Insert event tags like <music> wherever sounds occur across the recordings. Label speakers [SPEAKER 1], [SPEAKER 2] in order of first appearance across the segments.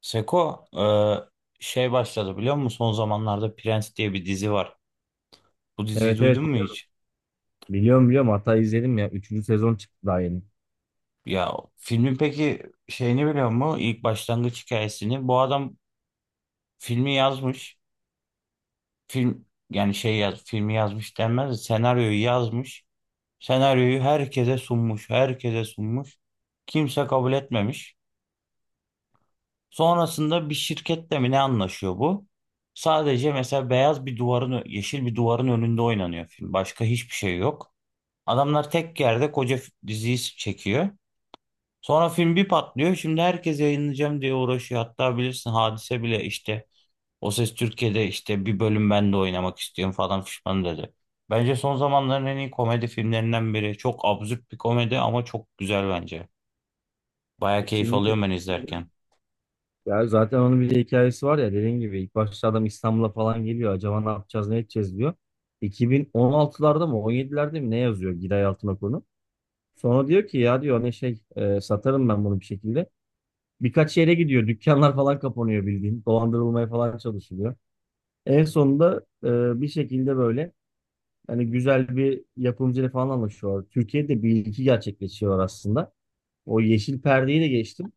[SPEAKER 1] Seko şey başladı biliyor musun? Son zamanlarda Prens diye bir dizi var. Bu diziyi
[SPEAKER 2] Evet
[SPEAKER 1] duydun
[SPEAKER 2] evet
[SPEAKER 1] mu
[SPEAKER 2] biliyorum
[SPEAKER 1] hiç?
[SPEAKER 2] biliyorum biliyorum. Hatta izledim ya, üçüncü sezon çıktı daha yeni.
[SPEAKER 1] Ya filmin peki şeyini biliyor musun? İlk başlangıç hikayesini. Bu adam filmi yazmış. Film yani şey filmi yazmış denmez de senaryoyu yazmış. Senaryoyu herkese sunmuş. Herkese sunmuş. Kimse kabul etmemiş. Sonrasında bir şirketle mi ne anlaşıyor bu? Sadece mesela beyaz bir duvarın, yeşil bir duvarın önünde oynanıyor film. Başka hiçbir şey yok. Adamlar tek yerde koca diziyi çekiyor. Sonra film bir patlıyor. Şimdi herkes yayınlayacağım diye uğraşıyor. Hatta bilirsin Hadise bile işte O Ses Türkiye'de işte bir bölüm ben de oynamak istiyorum falan fişman dedi. Bence son zamanların en iyi komedi filmlerinden biri. Çok absürt bir komedi ama çok güzel bence. Baya keyif
[SPEAKER 2] Kesinlikle.
[SPEAKER 1] alıyorum ben izlerken.
[SPEAKER 2] Ya zaten onun bir de hikayesi var ya, dediğin gibi ilk başta adam İstanbul'a falan geliyor, acaba ne yapacağız ne edeceğiz diyor. 2016'larda mı 17'lerde mi ne yazıyor Giray Altınok'unu. Sonra diyor ki ya diyor ne şey satarım ben bunu bir şekilde. Birkaç yere gidiyor, dükkanlar falan kapanıyor, bildiğin dolandırılmaya falan çalışılıyor. En sonunda bir şekilde böyle hani güzel bir yapımcıyla falan anlaşıyorlar. Türkiye'de bir ilki gerçekleşiyor aslında. O yeşil perdeyi de geçtim.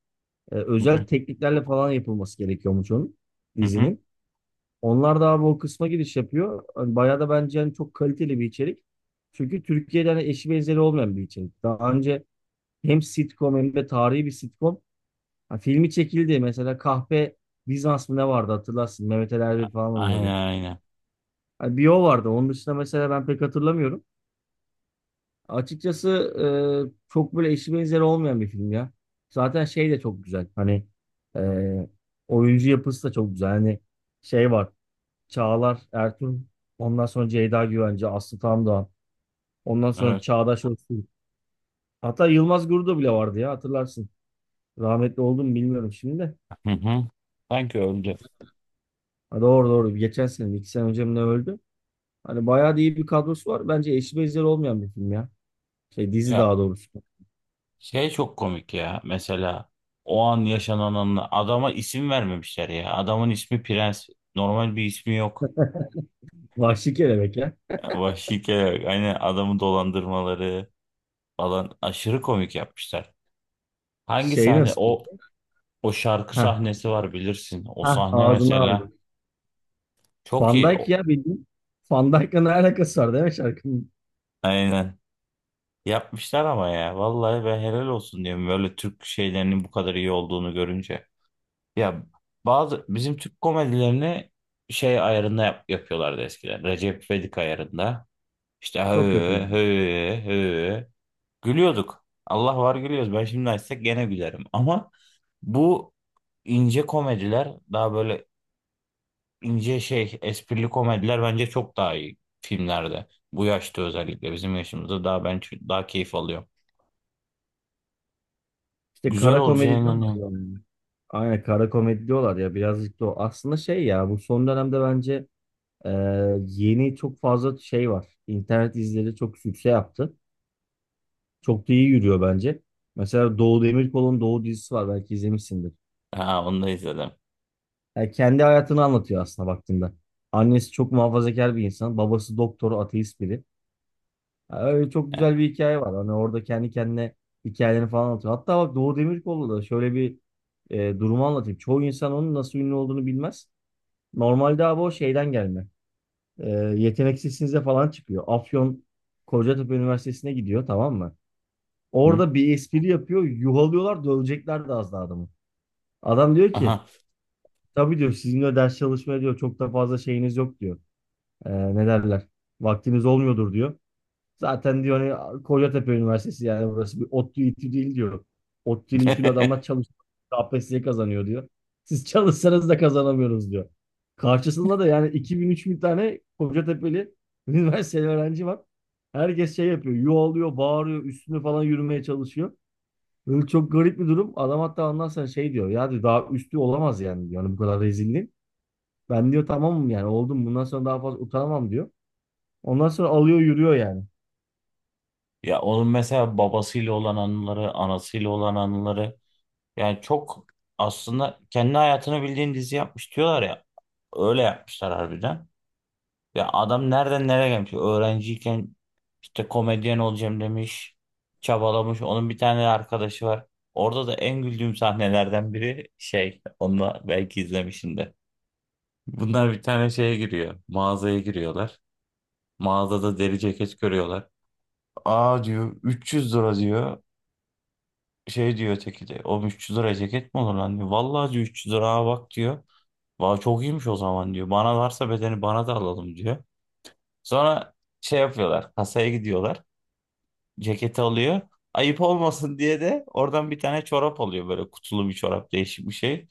[SPEAKER 1] Hı hı.
[SPEAKER 2] Özel tekniklerle falan yapılması gerekiyormuş onun
[SPEAKER 1] Hı hı.
[SPEAKER 2] dizinin. Onlar da abi o kısma giriş yapıyor. Hani bayağı da bence hani çok kaliteli bir içerik. Çünkü Türkiye'de hani eşi benzeri olmayan bir içerik. Daha önce hem sitcom hem de tarihi bir sitcom. Ha, filmi çekildi. Mesela Kahpe Bizans mı ne vardı hatırlarsın. Mehmet Ali Erbil falan
[SPEAKER 1] Aynen,
[SPEAKER 2] oynuyordu.
[SPEAKER 1] aynen.
[SPEAKER 2] Ha, bir o vardı. Onun dışında mesela ben pek hatırlamıyorum. Açıkçası çok böyle eşi benzeri olmayan bir film ya. Zaten şey de çok güzel. Hani e, oyuncu yapısı da çok güzel. Hani şey var. Çağlar Ertuğrul. Ondan sonra Ceyda Güvenci, Aslı Tamdağ. Ondan sonra
[SPEAKER 1] Evet.
[SPEAKER 2] Çağdaş Öztürk. Hatta Yılmaz Guru'da bile vardı ya, hatırlarsın. Rahmetli oldu mu bilmiyorum şimdi de.
[SPEAKER 1] Hı hı. Sanki öldü.
[SPEAKER 2] Ha, doğru doğru. Geçen sene, 2 sene önce mi ne öldü? Hani bayağı da iyi bir kadrosu var. Bence eşi benzeri olmayan bir film ya. Şey, dizi
[SPEAKER 1] Ya
[SPEAKER 2] daha doğrusu.
[SPEAKER 1] şey çok komik ya. Mesela o an yaşananın adama isim vermemişler ya. Adamın ismi Prens. Normal bir ismi yok.
[SPEAKER 2] Vahşi Kelebek ya.
[SPEAKER 1] Vahşice hani adamı dolandırmaları falan aşırı komik yapmışlar. Hangi
[SPEAKER 2] Şey
[SPEAKER 1] sahne
[SPEAKER 2] nasıl?
[SPEAKER 1] o? O şarkı
[SPEAKER 2] Heh.
[SPEAKER 1] sahnesi var bilirsin. O
[SPEAKER 2] Hah,
[SPEAKER 1] sahne
[SPEAKER 2] ağzına
[SPEAKER 1] mesela
[SPEAKER 2] aldım.
[SPEAKER 1] çok
[SPEAKER 2] Van
[SPEAKER 1] iyi.
[SPEAKER 2] Dijk ya bildiğin. Van Dijk'la ne alakası var değil mi şarkının?
[SPEAKER 1] Aynen. Yapmışlar ama ya. Vallahi ben helal olsun diyorum böyle Türk şeylerinin bu kadar iyi olduğunu görünce. Ya bazı bizim Türk komedilerini şey ayarında yapıyorlardı eskiden. Recep İvedik ayarında. İşte hı
[SPEAKER 2] Çok
[SPEAKER 1] hı
[SPEAKER 2] kötüydü.
[SPEAKER 1] hı. Gülüyorduk. Allah var gülüyoruz. Ben şimdi açsak gene gülerim. Ama bu ince komediler daha böyle ince şey esprili komediler bence çok daha iyi filmlerde. Bu yaşta özellikle bizim yaşımızda daha keyif alıyorum.
[SPEAKER 2] İşte
[SPEAKER 1] Güzel
[SPEAKER 2] kara
[SPEAKER 1] olacağına
[SPEAKER 2] komedi diyorlar
[SPEAKER 1] inanıyorum.
[SPEAKER 2] ya ona. Aynen, kara komedi diyorlar ya, birazcık da o. Aslında şey ya, bu son dönemde bence e, yeni çok fazla şey var. İnternet dizileri çok sükse yaptı. Çok da iyi yürüyor bence. Mesela Doğu Demirkol'un Doğu dizisi var, belki izlemişsindir.
[SPEAKER 1] Ha, onu da izledim.
[SPEAKER 2] Yani kendi hayatını anlatıyor aslında baktığında. Annesi çok muhafazakar bir insan. Babası doktor, ateist biri. Ha, öyle çok güzel bir hikaye var. Hani orada kendi kendine hikayelerini falan anlatıyor. Hatta bak Doğu Demirkol'da da şöyle bir durumu anlatayım. Çoğu insan onun nasıl ünlü olduğunu bilmez. Normalde abi o şeyden gelme. E, Yeteneksizsinize falan çıkıyor. Afyon Kocatepe Üniversitesi'ne gidiyor, tamam mı?
[SPEAKER 1] Hı?
[SPEAKER 2] Orada bir espri yapıyor. Yuhalıyorlar, dövecekler de az daha adamı. Adam diyor ki
[SPEAKER 1] Aha.
[SPEAKER 2] tabii diyor sizinle ders çalışmaya diyor çok da fazla şeyiniz yok diyor. E, ne derler? Vaktiniz olmuyordur diyor. Zaten diyor hani Kocatepe Üniversitesi yani burası bir ODTÜ İTÜ değil diyor. ODTÜ'lü İTÜ'lü adamlar
[SPEAKER 1] <laughs>
[SPEAKER 2] çalışıyor. KPSS kazanıyor diyor. Siz çalışsanız da kazanamıyoruz diyor. Karşısında da yani 2 bin 3 bin tane Kocatepe'li <laughs> üniversiteli öğrenci var. Herkes şey yapıyor. Yuvalıyor, bağırıyor, üstüne falan yürümeye çalışıyor. Böyle çok garip bir durum. Adam hatta ondan sonra şey diyor. Ya diyor, daha üstü olamaz yani diyor. Hani bu kadar rezilliğin. Ben diyor tamamım yani oldum. Bundan sonra daha fazla utanamam diyor. Ondan sonra alıyor yürüyor yani.
[SPEAKER 1] Ya onun mesela babasıyla olan anıları, anasıyla olan anıları yani çok aslında kendi hayatını bildiğin dizi yapmış diyorlar ya. Öyle yapmışlar harbiden. Ya adam nereden nereye gelmiş? Öğrenciyken işte komedyen olacağım demiş. Çabalamış. Onun bir tane arkadaşı var. Orada da en güldüğüm sahnelerden biri şey. Onu da belki izlemişsindir. Bunlar bir tane şeye giriyor. Mağazaya giriyorlar. Mağazada deri ceket görüyorlar. Aa diyor, 300 lira diyor. Şey diyor öteki de, o 300 liraya ceket mi olur lan diyor. Vallahi diyor, 300 lira bak diyor. Vallahi çok iyiymiş o zaman diyor. Bana varsa bedeni, bana da alalım diyor. Sonra şey yapıyorlar, kasaya gidiyorlar. Ceketi alıyor. Ayıp olmasın diye de oradan bir tane çorap alıyor, böyle kutulu bir çorap, değişik bir şey.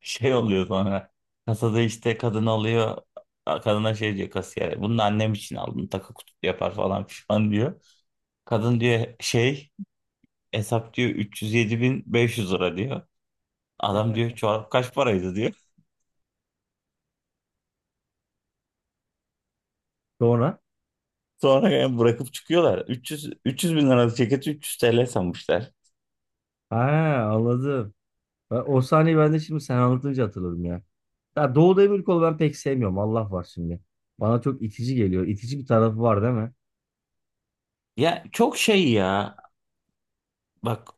[SPEAKER 1] Şey oluyor sonra, kasada işte kadın alıyor. Kadına şey diyor, kasiyere. Bunu da annem için aldım, takı kutu yapar falan pişman diyor. Kadın diyor şey, hesap diyor 307.500 lira diyor. Adam diyor,
[SPEAKER 2] <laughs>
[SPEAKER 1] çorap kaç paraydı diyor.
[SPEAKER 2] Sonra
[SPEAKER 1] Sonra yani bırakıp çıkıyorlar. 300, 300 bin liralık ceketi 300 TL sanmışlar.
[SPEAKER 2] ha, anladım. O sahneyi ben de şimdi sen anlatınca hatırladım ya. Ya Doğu Demirkol'u ben pek sevmiyorum. Allah var şimdi. Bana çok itici geliyor. İtici bir tarafı var değil mi?
[SPEAKER 1] Ya çok şey ya. Bak,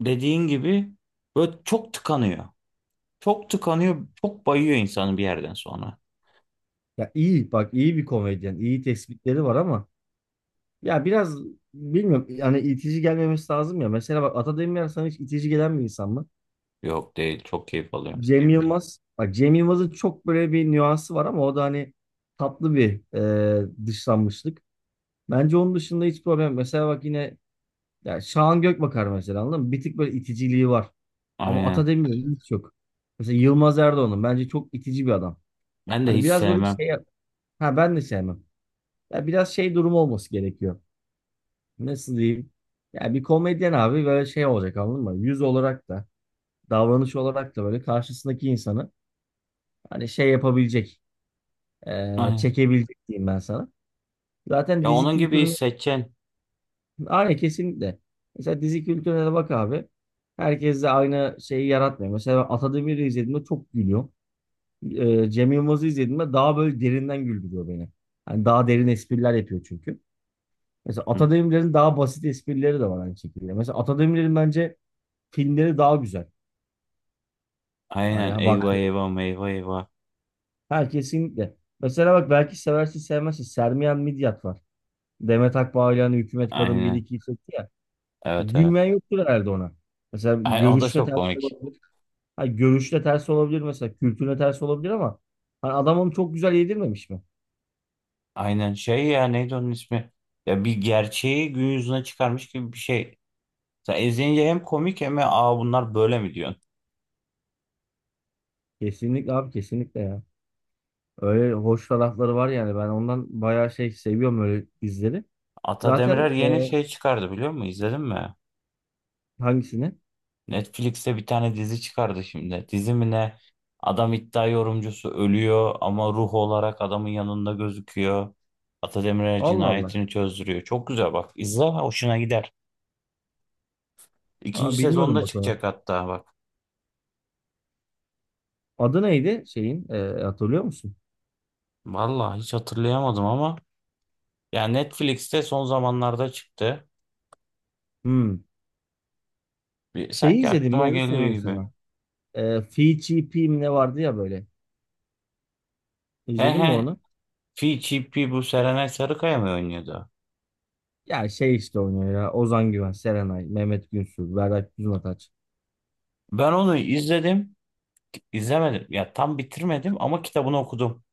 [SPEAKER 1] dediğin gibi böyle çok tıkanıyor. Çok tıkanıyor. Çok bayıyor insanı bir yerden sonra.
[SPEAKER 2] Ya iyi bak, iyi bir komedyen. İyi tespitleri var ama ya biraz bilmiyorum yani itici gelmemesi lazım ya. Mesela bak Ata Demirer sana hiç itici gelen bir insan mı?
[SPEAKER 1] Yok, değil. Çok keyif alıyor.
[SPEAKER 2] Cem Yılmaz. Bak Cem Yılmaz'ın çok böyle bir nüansı var ama o da hani tatlı bir dışlanmışlık. Bence onun dışında hiç problem. Mesela bak yine, ya Şahan Gökbakar mesela, anladın mı? Bir tık böyle iticiliği var. Ama
[SPEAKER 1] Aynen.
[SPEAKER 2] Ata Demirer'in hiç yok. Mesela Yılmaz Erdoğan'ın bence çok itici bir adam.
[SPEAKER 1] Ben de
[SPEAKER 2] Hani
[SPEAKER 1] hiç
[SPEAKER 2] biraz böyle
[SPEAKER 1] sevmem.
[SPEAKER 2] şey, ha ben de sevmem. Ya biraz şey durumu olması gerekiyor. Nasıl diyeyim? Ya bir komedyen abi böyle şey olacak, anladın mı? Yüz olarak da davranış olarak da böyle karşısındaki insanı hani şey yapabilecek,
[SPEAKER 1] Aynen.
[SPEAKER 2] çekebilecek diyeyim ben sana. Zaten
[SPEAKER 1] Ya
[SPEAKER 2] dizi
[SPEAKER 1] onun gibi
[SPEAKER 2] kültüründe
[SPEAKER 1] seçen.
[SPEAKER 2] aynen kesinlikle. Mesela dizi kültürüne de bak abi. Herkes de aynı şeyi yaratmıyor. Mesela ben Atademir'i izlediğimde çok gülüyorum. Cem Yılmaz'ı izlediğimde daha böyle derinden güldürüyor beni. Hani daha derin espriler yapıyor çünkü. Mesela Atademir'in daha basit esprileri de var aynı şekilde. Mesela Atademir'in bence filmleri daha güzel.
[SPEAKER 1] Aynen.
[SPEAKER 2] Hani bak
[SPEAKER 1] Eyvah, eyvah, eyvah, eyvah.
[SPEAKER 2] her kesinlikle. Mesela bak belki seversin sevmezsin. Sermiyan Midyat var. Demet Akbağ ile hani Hükümet Kadın bir
[SPEAKER 1] Aynen.
[SPEAKER 2] 2'yi çekti ya.
[SPEAKER 1] Evet, evet.
[SPEAKER 2] Gülmeyen yoktur herhalde ona. Mesela
[SPEAKER 1] Ay, o da
[SPEAKER 2] görüşle
[SPEAKER 1] çok
[SPEAKER 2] ters de
[SPEAKER 1] komik.
[SPEAKER 2] olabilir. Ha, görüşte ters olabilir mesela. Kültürle ters olabilir ama hani adam onu çok güzel yedirmemiş mi?
[SPEAKER 1] Aynen, şey ya neydi onun ismi? Ya bir gerçeği gün yüzüne çıkarmış gibi bir şey. Sen izleyince hem komik hem de aa bunlar böyle mi diyorsun?
[SPEAKER 2] Kesinlikle abi, kesinlikle ya. Öyle hoş tarafları var yani. Ben ondan bayağı şey seviyorum, öyle dizileri.
[SPEAKER 1] Ata
[SPEAKER 2] Zaten
[SPEAKER 1] Demirer yeni şey çıkardı, biliyor musun? İzledin mi?
[SPEAKER 2] hangisini?
[SPEAKER 1] Netflix'te bir tane dizi çıkardı şimdi. Dizi mi ne? Adam iddia yorumcusu ölüyor ama ruh olarak adamın yanında gözüküyor. Ata Demirer
[SPEAKER 2] Allah Allah.
[SPEAKER 1] cinayetini çözdürüyor. Çok güzel bak. İzle, hoşuna gider. İkinci
[SPEAKER 2] Aa, bilmiyordum
[SPEAKER 1] sezonda
[SPEAKER 2] bak onu.
[SPEAKER 1] çıkacak hatta bak.
[SPEAKER 2] Adı neydi şeyin? E, hatırlıyor musun?
[SPEAKER 1] Vallahi hiç hatırlayamadım ama. Ya Netflix'te son zamanlarda çıktı.
[SPEAKER 2] Hmm.
[SPEAKER 1] Bir,
[SPEAKER 2] Şeyi
[SPEAKER 1] sanki
[SPEAKER 2] izledin mi?
[SPEAKER 1] aklıma
[SPEAKER 2] Onu
[SPEAKER 1] geliyor
[SPEAKER 2] sorayım
[SPEAKER 1] gibi.
[SPEAKER 2] sana. E, Fi Chi Pi mi ne vardı ya böyle.
[SPEAKER 1] He
[SPEAKER 2] İzledin mi
[SPEAKER 1] he.
[SPEAKER 2] onu?
[SPEAKER 1] Fi Chi Pi bu Serenay Sarıkaya mı oynuyordu?
[SPEAKER 2] Ya şey işte oynuyor ya. Ozan Güven, Serenay, Mehmet Günsür, Berrak Düzmataç.
[SPEAKER 1] Ben onu izledim. İzlemedim. Ya tam bitirmedim ama kitabını okudum.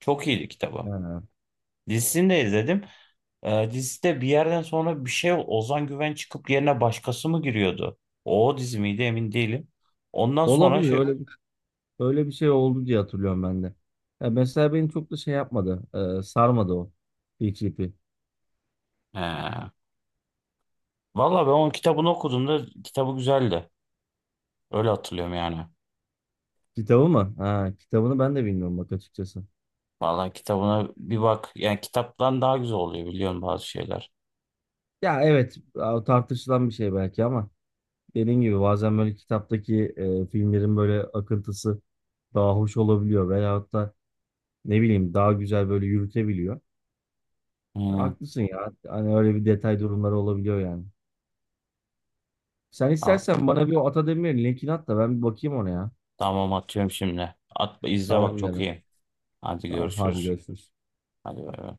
[SPEAKER 1] Çok iyiydi kitabı.
[SPEAKER 2] Ha.
[SPEAKER 1] Dizisini de izledim. Dizide bir yerden sonra bir şey Ozan Güven çıkıp yerine başkası mı giriyordu? O dizi miydi emin değilim. Ondan sonra
[SPEAKER 2] Olabilir
[SPEAKER 1] şey...
[SPEAKER 2] öyle, öyle bir şey oldu diye hatırlıyorum ben de. Ya mesela beni çok da şey yapmadı, sarmadı o PGP.
[SPEAKER 1] He. Valla ben onun kitabını okuduğumda kitabı güzeldi. Öyle hatırlıyorum yani.
[SPEAKER 2] Kitabı mı? Ha, kitabını ben de bilmiyorum bak açıkçası.
[SPEAKER 1] Valla kitabına bir bak. Yani kitaptan daha güzel oluyor, biliyorum bazı şeyler.
[SPEAKER 2] Ya evet tartışılan bir şey belki ama dediğim gibi bazen böyle kitaptaki filmlerin böyle akıntısı daha hoş olabiliyor veyahut da ne bileyim daha güzel böyle yürütebiliyor. E,
[SPEAKER 1] Hı,
[SPEAKER 2] haklısın ya. Hani öyle bir detay durumları olabiliyor yani. Sen
[SPEAKER 1] al.
[SPEAKER 2] istersen bana bir o Atademir'in linkini at da ben bir bakayım ona ya.
[SPEAKER 1] Tamam, atıyorum şimdi. At, izle bak
[SPEAKER 2] Tamam
[SPEAKER 1] çok
[SPEAKER 2] canım.
[SPEAKER 1] iyi. Hadi
[SPEAKER 2] Tamam hadi
[SPEAKER 1] görüşürüz.
[SPEAKER 2] görüşürüz.
[SPEAKER 1] Hadi bay bay.